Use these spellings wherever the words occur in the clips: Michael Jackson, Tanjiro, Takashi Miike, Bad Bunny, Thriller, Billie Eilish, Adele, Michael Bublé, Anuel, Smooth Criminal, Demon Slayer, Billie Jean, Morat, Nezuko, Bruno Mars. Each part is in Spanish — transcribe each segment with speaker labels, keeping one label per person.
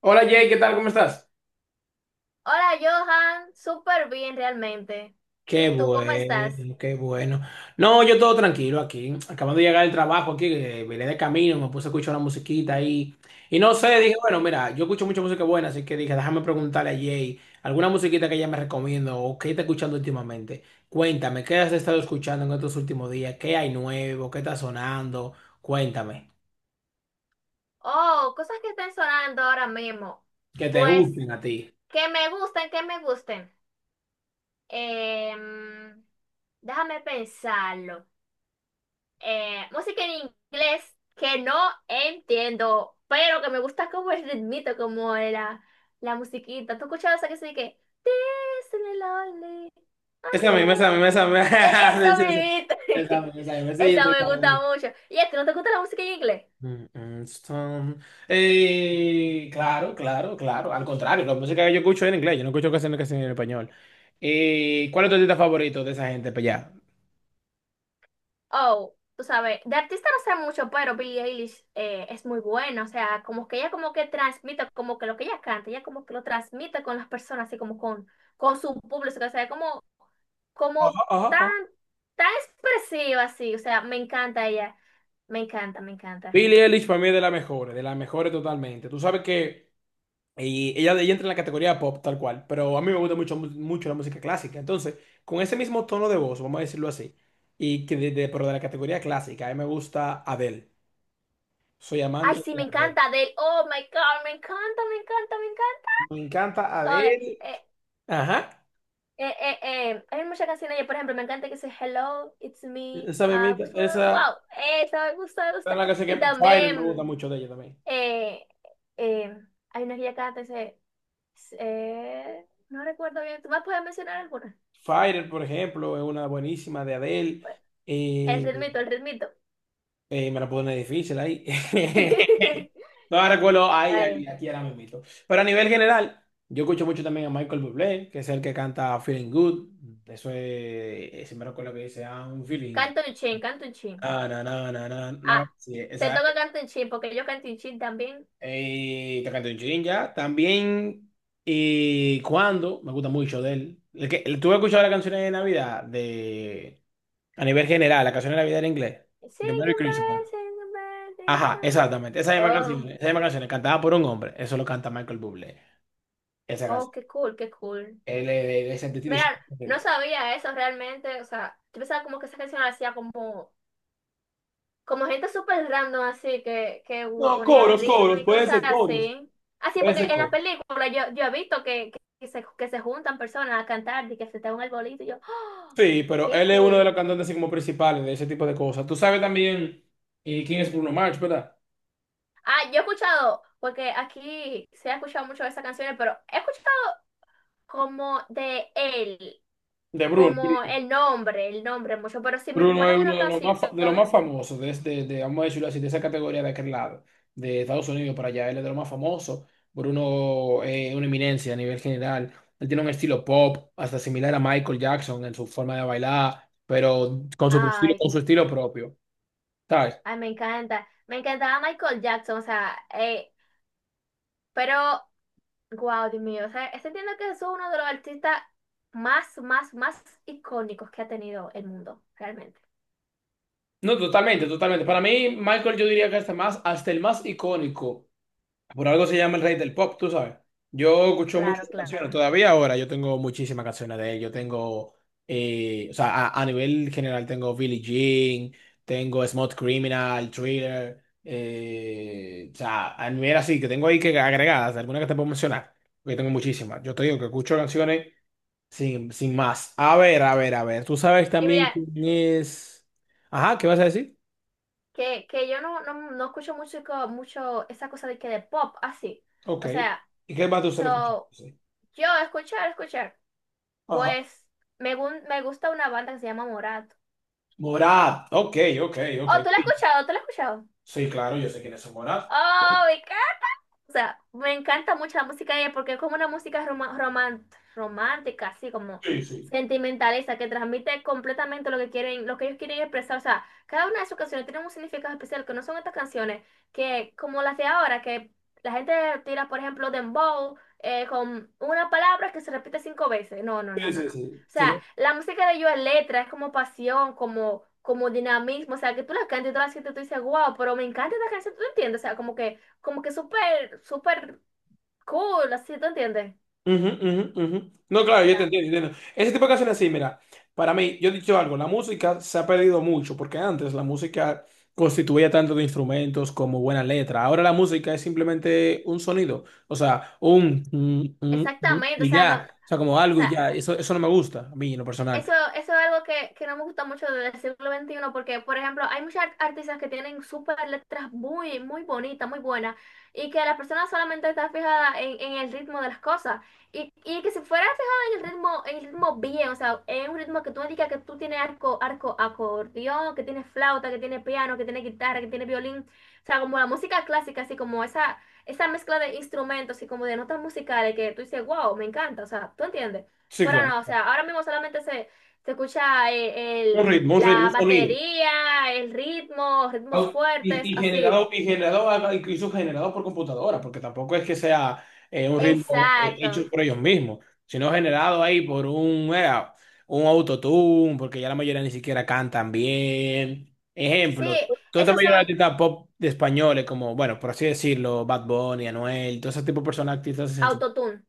Speaker 1: Hola Jay, ¿qué tal? ¿Cómo estás?
Speaker 2: Hola Johan, súper bien realmente.
Speaker 1: Qué
Speaker 2: ¿Y tú cómo estás?
Speaker 1: bueno, qué bueno. No, yo todo tranquilo aquí. Acabando de llegar del trabajo aquí, vine de camino, me puse a escuchar una musiquita ahí. Y no sé, dije,
Speaker 2: Ay.
Speaker 1: bueno, mira, yo escucho mucha música buena, así que dije, déjame preguntarle a Jay alguna musiquita que ella me recomienda o qué está escuchando últimamente. Cuéntame, ¿qué has estado escuchando en estos últimos días? ¿Qué hay nuevo? ¿Qué está sonando? Cuéntame.
Speaker 2: Oh, cosas que están sonando ahora mismo.
Speaker 1: Que te
Speaker 2: Pues
Speaker 1: gusten a ti.
Speaker 2: que me gusten, que me gusten. Em, déjame pensarlo. Música en inglés que no entiendo, pero que me gusta como el ritmito, como la musiquita. ¿Tú escuchabas esa que se dice que This is lonely, I
Speaker 1: Esa misma, esa
Speaker 2: know"?
Speaker 1: misma, esa misma. Sí,
Speaker 2: Esa
Speaker 1: sí, sí.
Speaker 2: mimita.
Speaker 1: Esa misma, esa misma. Sí, yo
Speaker 2: Esa
Speaker 1: estoy
Speaker 2: me gusta
Speaker 1: claro.
Speaker 2: mucho. ¿Y es que no te gusta la música en inglés?
Speaker 1: Mm, mm, Stone. Claro, claro, claro. Al contrario, la música que yo escucho es en inglés. Yo no escucho canciones que en español. ¿cuál es tu artista favorito de esa gente? Pues ya.
Speaker 2: Oh, tú sabes, de artista no sé mucho, pero Billie Eilish es muy buena. O sea, como que ella como que transmite, como que lo que ella canta, ella como que lo transmite con las personas, así como con su público. O sea, como,
Speaker 1: Ajá,
Speaker 2: como
Speaker 1: ajá,
Speaker 2: tan,
Speaker 1: ajá.
Speaker 2: tan expresiva, así. O sea, me encanta ella. Me encanta, me encanta.
Speaker 1: Billie Eilish para mí es de las mejores totalmente. Tú sabes que ella entra en la categoría pop tal cual, pero a mí me gusta mucho, mucho la música clásica. Entonces, con ese mismo tono de voz, vamos a decirlo así, y que pero de la categoría clásica, a mí me gusta Adele. Soy
Speaker 2: Ay,
Speaker 1: amante
Speaker 2: sí,
Speaker 1: de
Speaker 2: me
Speaker 1: Adele.
Speaker 2: encanta de él. Oh my God, me encanta, me encanta, me
Speaker 1: Me encanta
Speaker 2: encanta.
Speaker 1: Adele. Ajá.
Speaker 2: Eh, eh, hay muchas canciones, yo, por ejemplo, me encanta que dice Hello, it's me,
Speaker 1: Esa mismita,
Speaker 2: wish
Speaker 1: esa
Speaker 2: for-"
Speaker 1: esa
Speaker 2: wow, esa me gusta, me
Speaker 1: es
Speaker 2: gusta.
Speaker 1: la canción
Speaker 2: Y
Speaker 1: que Fire me gusta
Speaker 2: también
Speaker 1: mucho de ella también.
Speaker 2: eh, eh, hay una que ella canta, dice, no recuerdo bien, ¿tú vas a poder mencionar alguna?
Speaker 1: Fire, por ejemplo, es una buenísima de Adele.
Speaker 2: Bueno, el
Speaker 1: Eh,
Speaker 2: ritmito, el ritmito.
Speaker 1: me la pone difícil ahí. No la recuerdo ahí, ahí,
Speaker 2: Ay,
Speaker 1: aquí ahora mismo. Pero a nivel general, yo escucho mucho también a Michael Bublé, que es el que canta Feeling Good. Eso es, si me recuerdo que dice, I'm feeling.
Speaker 2: canto un chin, canto un chin.
Speaker 1: Na, na, na, na, na, na.
Speaker 2: Ah,
Speaker 1: Sí,
Speaker 2: te
Speaker 1: esa.
Speaker 2: toca canto un chin, porque yo canto un chin también.
Speaker 1: Takashi Miike ya. También, y cuando, me gusta mucho de él. ¿Tú has escuchado las canciones de Navidad de, a nivel general, la canción de Navidad en inglés? De
Speaker 2: Sing
Speaker 1: Merry Christmas.
Speaker 2: goodbye, sing goodbye, sing
Speaker 1: Ajá,
Speaker 2: goodbye.
Speaker 1: exactamente.
Speaker 2: Oh,
Speaker 1: Esa misma canción, cantada por un hombre. Eso lo canta Michael Bublé. Esa
Speaker 2: oh,
Speaker 1: canción.
Speaker 2: qué cool, qué cool.
Speaker 1: Él es de
Speaker 2: Mira, no
Speaker 1: Sentiti.
Speaker 2: sabía eso realmente, o sea, yo pensaba como que esa canción la hacía como gente súper random así, que
Speaker 1: No,
Speaker 2: unía
Speaker 1: coros,
Speaker 2: ritmo
Speaker 1: coros,
Speaker 2: y
Speaker 1: puede
Speaker 2: cosas
Speaker 1: ser coros,
Speaker 2: así. Así,
Speaker 1: puede
Speaker 2: porque
Speaker 1: ser
Speaker 2: en la
Speaker 1: coros.
Speaker 2: película yo he visto que se juntan personas a cantar y que se te un arbolito y yo, ¡oh!
Speaker 1: Sí, pero
Speaker 2: ¡Qué
Speaker 1: él es uno de
Speaker 2: cool!
Speaker 1: los cantantes así como principales de ese tipo de cosas. Tú sabes también quién es Bruno Mars, ¿verdad?
Speaker 2: Ah, yo he escuchado, porque aquí se ha escuchado mucho de esas canciones, pero he escuchado como de él,
Speaker 1: De Bruno.
Speaker 2: como el nombre mucho, pero si me
Speaker 1: Bruno
Speaker 2: ponen
Speaker 1: es
Speaker 2: una
Speaker 1: uno de los
Speaker 2: canción...
Speaker 1: más, de los más famosos de, este, de, vamos a decirlo así, de esa categoría de aquel lado, de Estados Unidos para allá. Él es de los más famosos. Bruno es una eminencia a nivel general. Él tiene un estilo pop, hasta similar a Michael Jackson en su forma de bailar, pero
Speaker 2: Ay,
Speaker 1: con su estilo propio. ¿Sabes?
Speaker 2: ay, me encanta. Me encantaba Michael Jackson, o sea, pero, wow, Dios mío, o sea, es- entiendo que es uno de los artistas más, más, más icónicos que ha tenido el mundo, realmente.
Speaker 1: No, totalmente, totalmente. Para mí, Michael, yo diría que hasta más, hasta el más icónico. Por algo se llama el rey del pop, tú sabes. Yo escucho muchas
Speaker 2: Claro,
Speaker 1: canciones
Speaker 2: claro.
Speaker 1: todavía ahora. Yo tengo muchísimas canciones de él. Yo tengo, o sea, a nivel general tengo Billie Jean, tengo Smooth Criminal, Thriller. O sea, a nivel así, que tengo ahí que agregadas, algunas que te puedo mencionar, porque tengo muchísimas. Yo te digo que escucho canciones sin más. A ver, a ver, a ver. Tú sabes
Speaker 2: Y
Speaker 1: también
Speaker 2: mira,
Speaker 1: quién es... Ajá, ¿qué vas a decir?
Speaker 2: que yo no escucho mucho esa cosa de pop, así.
Speaker 1: Ok.
Speaker 2: O sea,
Speaker 1: ¿Y qué más tú se le escuchas?
Speaker 2: so,
Speaker 1: Sí.
Speaker 2: yo escuchar, escuchar,
Speaker 1: Ajá.
Speaker 2: pues me gusta una banda que se llama Morat.
Speaker 1: Morat, ok, ok, ok.
Speaker 2: Oh, ¿tú la has
Speaker 1: Sí,
Speaker 2: escuchado? ¿Tú la has escuchado?
Speaker 1: sí, claro, yo sé quién es Morat.
Speaker 2: Oh, o sea, me encanta mucho la música de ella porque es como una música romántica, así como
Speaker 1: Sí, sí.
Speaker 2: sentimentalista, que transmite completamente lo que quieren, lo que ellos quieren expresar. O sea, cada una de sus canciones tiene un significado especial, que no son estas canciones que, como las de ahora, que la gente tira, por ejemplo, dembow, con una palabra que se repite cinco veces. No, no, no,
Speaker 1: Sí,
Speaker 2: no,
Speaker 1: sí,
Speaker 2: no. O
Speaker 1: sí. Sí,
Speaker 2: sea,
Speaker 1: no.
Speaker 2: la música de ellos es letra, es como pasión, como dinamismo. O sea, que tú la cantas y tú la sientes, tú dices, wow, pero me encanta esta canción, ¿tú entiendes? O sea, como que súper, súper cool, así, ¿te entiendes?
Speaker 1: Ujú, ujú, ujú. No, claro, yo te
Speaker 2: Ya.
Speaker 1: entiendo, yo te entiendo. Ese tipo de canciones así, mira, para mí, yo he dicho algo, la música se ha perdido mucho, porque antes la música constituía tanto de instrumentos como buena letra. Ahora la música es simplemente un sonido, o sea, un,
Speaker 2: Exactamente, o
Speaker 1: y
Speaker 2: sea, no, o
Speaker 1: ya, o sea, como algo y
Speaker 2: sea,
Speaker 1: ya. Eso no me gusta, a mí en lo personal.
Speaker 2: eso es algo que no me gusta mucho del siglo XXI porque, por ejemplo, hay muchas art- artistas que tienen súper letras muy, muy bonitas, muy buenas, y que la persona solamente está fijada en el ritmo de las cosas. Y que si fuera fijada en el ritmo bien, o sea, en un ritmo que tú digas que tú tienes acordeón, que tienes flauta, que tienes piano, que tienes guitarra, que tienes violín, o sea, como la música clásica, así como esa mezcla de instrumentos y como de notas musicales que tú dices, wow, me encanta, o sea, ¿tú entiendes?
Speaker 1: Sí,
Speaker 2: Pero
Speaker 1: claro.
Speaker 2: no, o sea, ahora mismo solamente se escucha
Speaker 1: Un ritmo, un ritmo,
Speaker 2: la
Speaker 1: un sonido.
Speaker 2: batería, el ritmo, ritmos
Speaker 1: Y,
Speaker 2: fuertes, así.
Speaker 1: generado, incluso generado por computadora, porque tampoco es que sea un ritmo
Speaker 2: Exacto.
Speaker 1: hecho por ellos mismos, sino generado ahí por un autotune, porque ya la mayoría ni siquiera cantan bien.
Speaker 2: Sí,
Speaker 1: Ejemplo, toda la
Speaker 2: esos
Speaker 1: mayoría de
Speaker 2: son
Speaker 1: artistas pop de españoles, como, bueno, por así decirlo, Bad Bunny, Anuel, todo ese tipo de personas, artistas.
Speaker 2: autotune.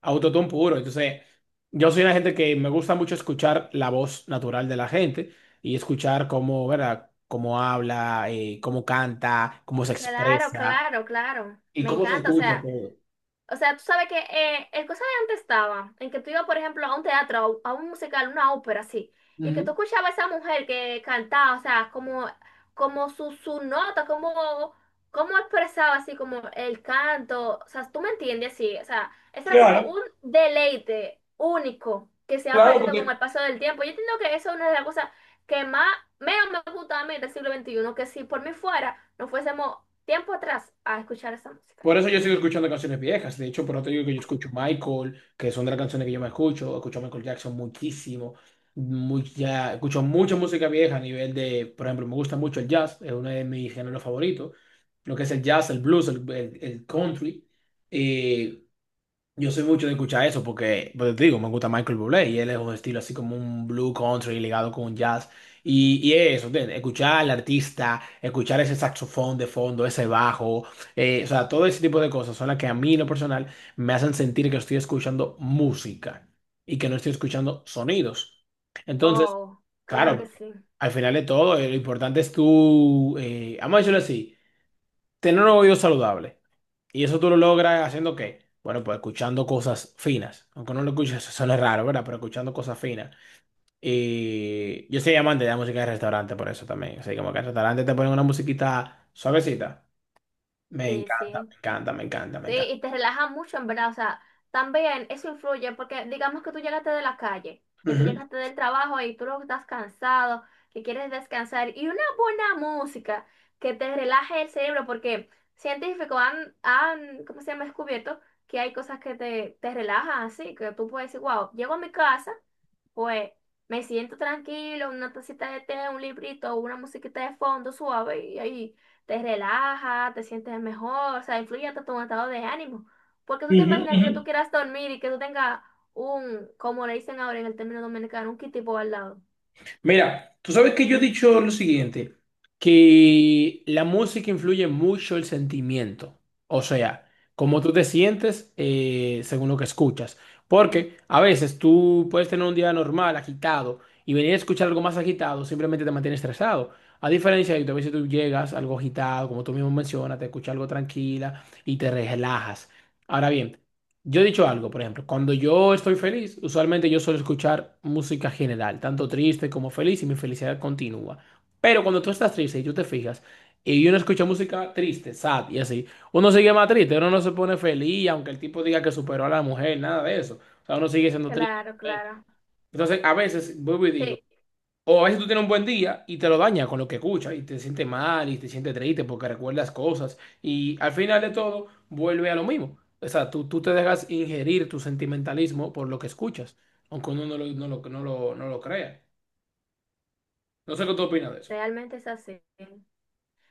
Speaker 1: Autotune puro. Entonces, yo soy una gente que me gusta mucho escuchar la voz natural de la gente y escuchar cómo, ¿verdad? Cómo habla, cómo canta, cómo se
Speaker 2: Claro,
Speaker 1: expresa
Speaker 2: claro, claro.
Speaker 1: y
Speaker 2: Me
Speaker 1: cómo se
Speaker 2: encanta, o
Speaker 1: escucha
Speaker 2: sea.
Speaker 1: todo.
Speaker 2: O sea, tú sabes que el cosa de antes estaba en que tú ibas, por ejemplo, a un teatro, a un musical, una ópera, así, y que tú
Speaker 1: Ujú.
Speaker 2: escuchabas a esa mujer que cantaba, o sea, como, como su nota, como, como expresaba así como el canto, o sea, tú me entiendes, sí, o sea, eso era como
Speaker 1: Claro,
Speaker 2: un deleite único que se ha
Speaker 1: claro,
Speaker 2: perdido con
Speaker 1: porque
Speaker 2: el paso del tiempo. Yo entiendo que eso es una de las cosas que más, menos me gusta a mí del siglo XXI que si por mí fuera, no fuésemos tiempo atrás a escuchar esa música.
Speaker 1: por eso yo sigo escuchando canciones viejas. De hecho, por eso te digo que yo
Speaker 2: Así.
Speaker 1: escucho Michael, que son de las canciones que yo me escucho. Escucho a Michael Jackson muchísimo. Mucha, escucho mucha música vieja a nivel de, por ejemplo, me gusta mucho el jazz, es uno de mis géneros favoritos. Lo que es el jazz, el blues, el country. Eh, yo soy mucho de escuchar eso porque, pues te digo, me gusta Michael Bublé y él es un estilo así como un blue country ligado con un jazz. Y eso, ¿entiendes? Escuchar al artista, escuchar ese saxofón de fondo, ese bajo, o sea, todo ese tipo de cosas son las que a mí en lo personal me hacen sentir que estoy escuchando música y que no estoy escuchando sonidos. Entonces,
Speaker 2: Oh, claro que
Speaker 1: claro,
Speaker 2: sí.
Speaker 1: al final de todo, lo importante es tú, vamos a decirlo así, tener un oído saludable. ¿Y eso tú lo logras haciendo qué? Bueno, pues escuchando cosas finas. Aunque no lo escuches, eso suena raro, ¿verdad? Pero escuchando cosas finas. Y yo soy amante de la música de restaurante por eso también. O sea, como que en restaurante te ponen una musiquita suavecita. Me
Speaker 2: Sí,
Speaker 1: encanta,
Speaker 2: sí.
Speaker 1: me encanta, me encanta, me
Speaker 2: Sí,
Speaker 1: encanta.
Speaker 2: y te relaja mucho, en verdad. O sea, también eso influye porque digamos que tú llegaste de la calle, que tú
Speaker 1: Ujú,
Speaker 2: llegaste del trabajo y tú luego estás cansado, que quieres descansar. Y una buena música que te relaje el cerebro porque científicos ¿cómo se llama? Descubierto que hay cosas que te relajan así, que tú puedes decir, wow, llego a mi casa. Pues me siento tranquilo, una tacita de té, un librito, una musiquita de fondo suave y ahí te relaja, te sientes mejor, o sea, influye hasta tu estado de ánimo. Porque tú te
Speaker 1: ujú,
Speaker 2: imaginas que tú
Speaker 1: ujú.
Speaker 2: quieras dormir y que tú tengas un, como le dicen ahora en el término dominicano, un kitipo al lado.
Speaker 1: Mira, tú sabes que yo he dicho lo siguiente, que la música influye mucho el sentimiento, o sea, cómo tú te sientes según lo que escuchas, porque a veces tú puedes tener un día normal, agitado, y venir a escuchar algo más agitado, simplemente te mantiene estresado. A diferencia de que a veces tú llegas algo agitado, como tú mismo mencionas, te escuchas algo tranquila y te relajas. Ahora bien, yo he dicho algo, por ejemplo, cuando yo estoy feliz, usualmente yo suelo escuchar música general, tanto triste como feliz, y mi felicidad continúa. Pero cuando tú estás triste y tú te fijas, y uno escucha música triste, sad y así, uno sigue más triste, uno no se pone feliz, aunque el tipo diga que superó a la mujer, nada de eso. O sea, uno sigue siendo triste.
Speaker 2: Claro, claro.
Speaker 1: Entonces, a veces, vuelvo y digo,
Speaker 2: Sí,
Speaker 1: o a veces tú tienes un buen día y te lo daña con lo que escuchas y te sientes mal y te sientes triste porque recuerdas cosas y al final de todo vuelve a lo mismo. O sea, tú te dejas ingerir tu sentimentalismo por lo que escuchas, aunque uno no lo crea. No sé qué tú opinas de eso.
Speaker 2: realmente es así.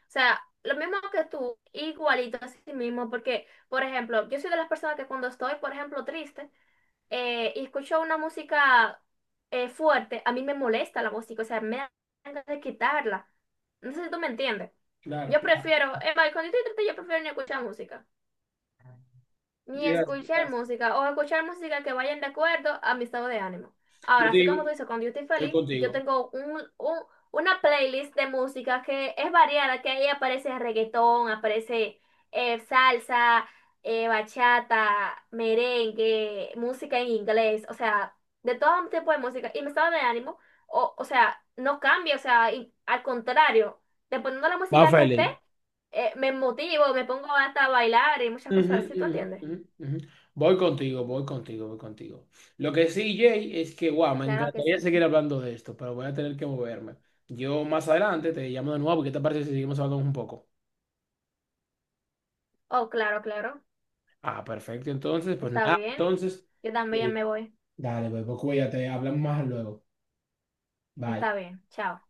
Speaker 2: O sea, lo mismo que tú, igualito a sí mismo, porque, por ejemplo, yo soy de las personas que cuando estoy, por ejemplo, triste, y escucho una música fuerte, a mí me molesta la música, o sea, me dan ganas de quitarla. No sé si tú me entiendes.
Speaker 1: Claro,
Speaker 2: Yo
Speaker 1: claro.
Speaker 2: prefiero, es más, cuando estoy triste, yo prefiero ni escuchar música ni
Speaker 1: Yes,
Speaker 2: escuchar
Speaker 1: yes.
Speaker 2: música o escuchar música que vayan de acuerdo a mi estado de ánimo.
Speaker 1: Yo
Speaker 2: Ahora,
Speaker 1: te
Speaker 2: así
Speaker 1: digo,
Speaker 2: como tú dices, cuando yo estoy
Speaker 1: estoy
Speaker 2: feliz, yo
Speaker 1: contigo.
Speaker 2: tengo una playlist de música que es variada, que ahí aparece reggaetón, aparece salsa, bachata, merengue, música en inglés, o sea, de todo tipo de música. Y mi estado de ánimo, o sea, no cambia, o sea, al contrario, dependiendo de la
Speaker 1: Va,
Speaker 2: música que esté,
Speaker 1: Félix.
Speaker 2: me motivo, me pongo hasta a bailar y muchas
Speaker 1: Ujú,
Speaker 2: cosas así, ¿tú
Speaker 1: ujú,
Speaker 2: entiendes?
Speaker 1: ujú, ujú. Voy contigo, voy contigo, voy contigo. Lo que sí, Jay, es que, wow, me
Speaker 2: Claro que
Speaker 1: encantaría
Speaker 2: sí.
Speaker 1: seguir hablando de esto, pero voy a tener que moverme. Yo más adelante te llamo de nuevo, porque ¿te parece si seguimos hablando un poco?
Speaker 2: Oh, claro, claro.
Speaker 1: Ah, perfecto, entonces, pues
Speaker 2: Está
Speaker 1: nada,
Speaker 2: bien.
Speaker 1: entonces,
Speaker 2: Yo también
Speaker 1: eh,
Speaker 2: me voy.
Speaker 1: dale, pues, cuídate, hablamos más luego. Bye.
Speaker 2: Está bien. Chao.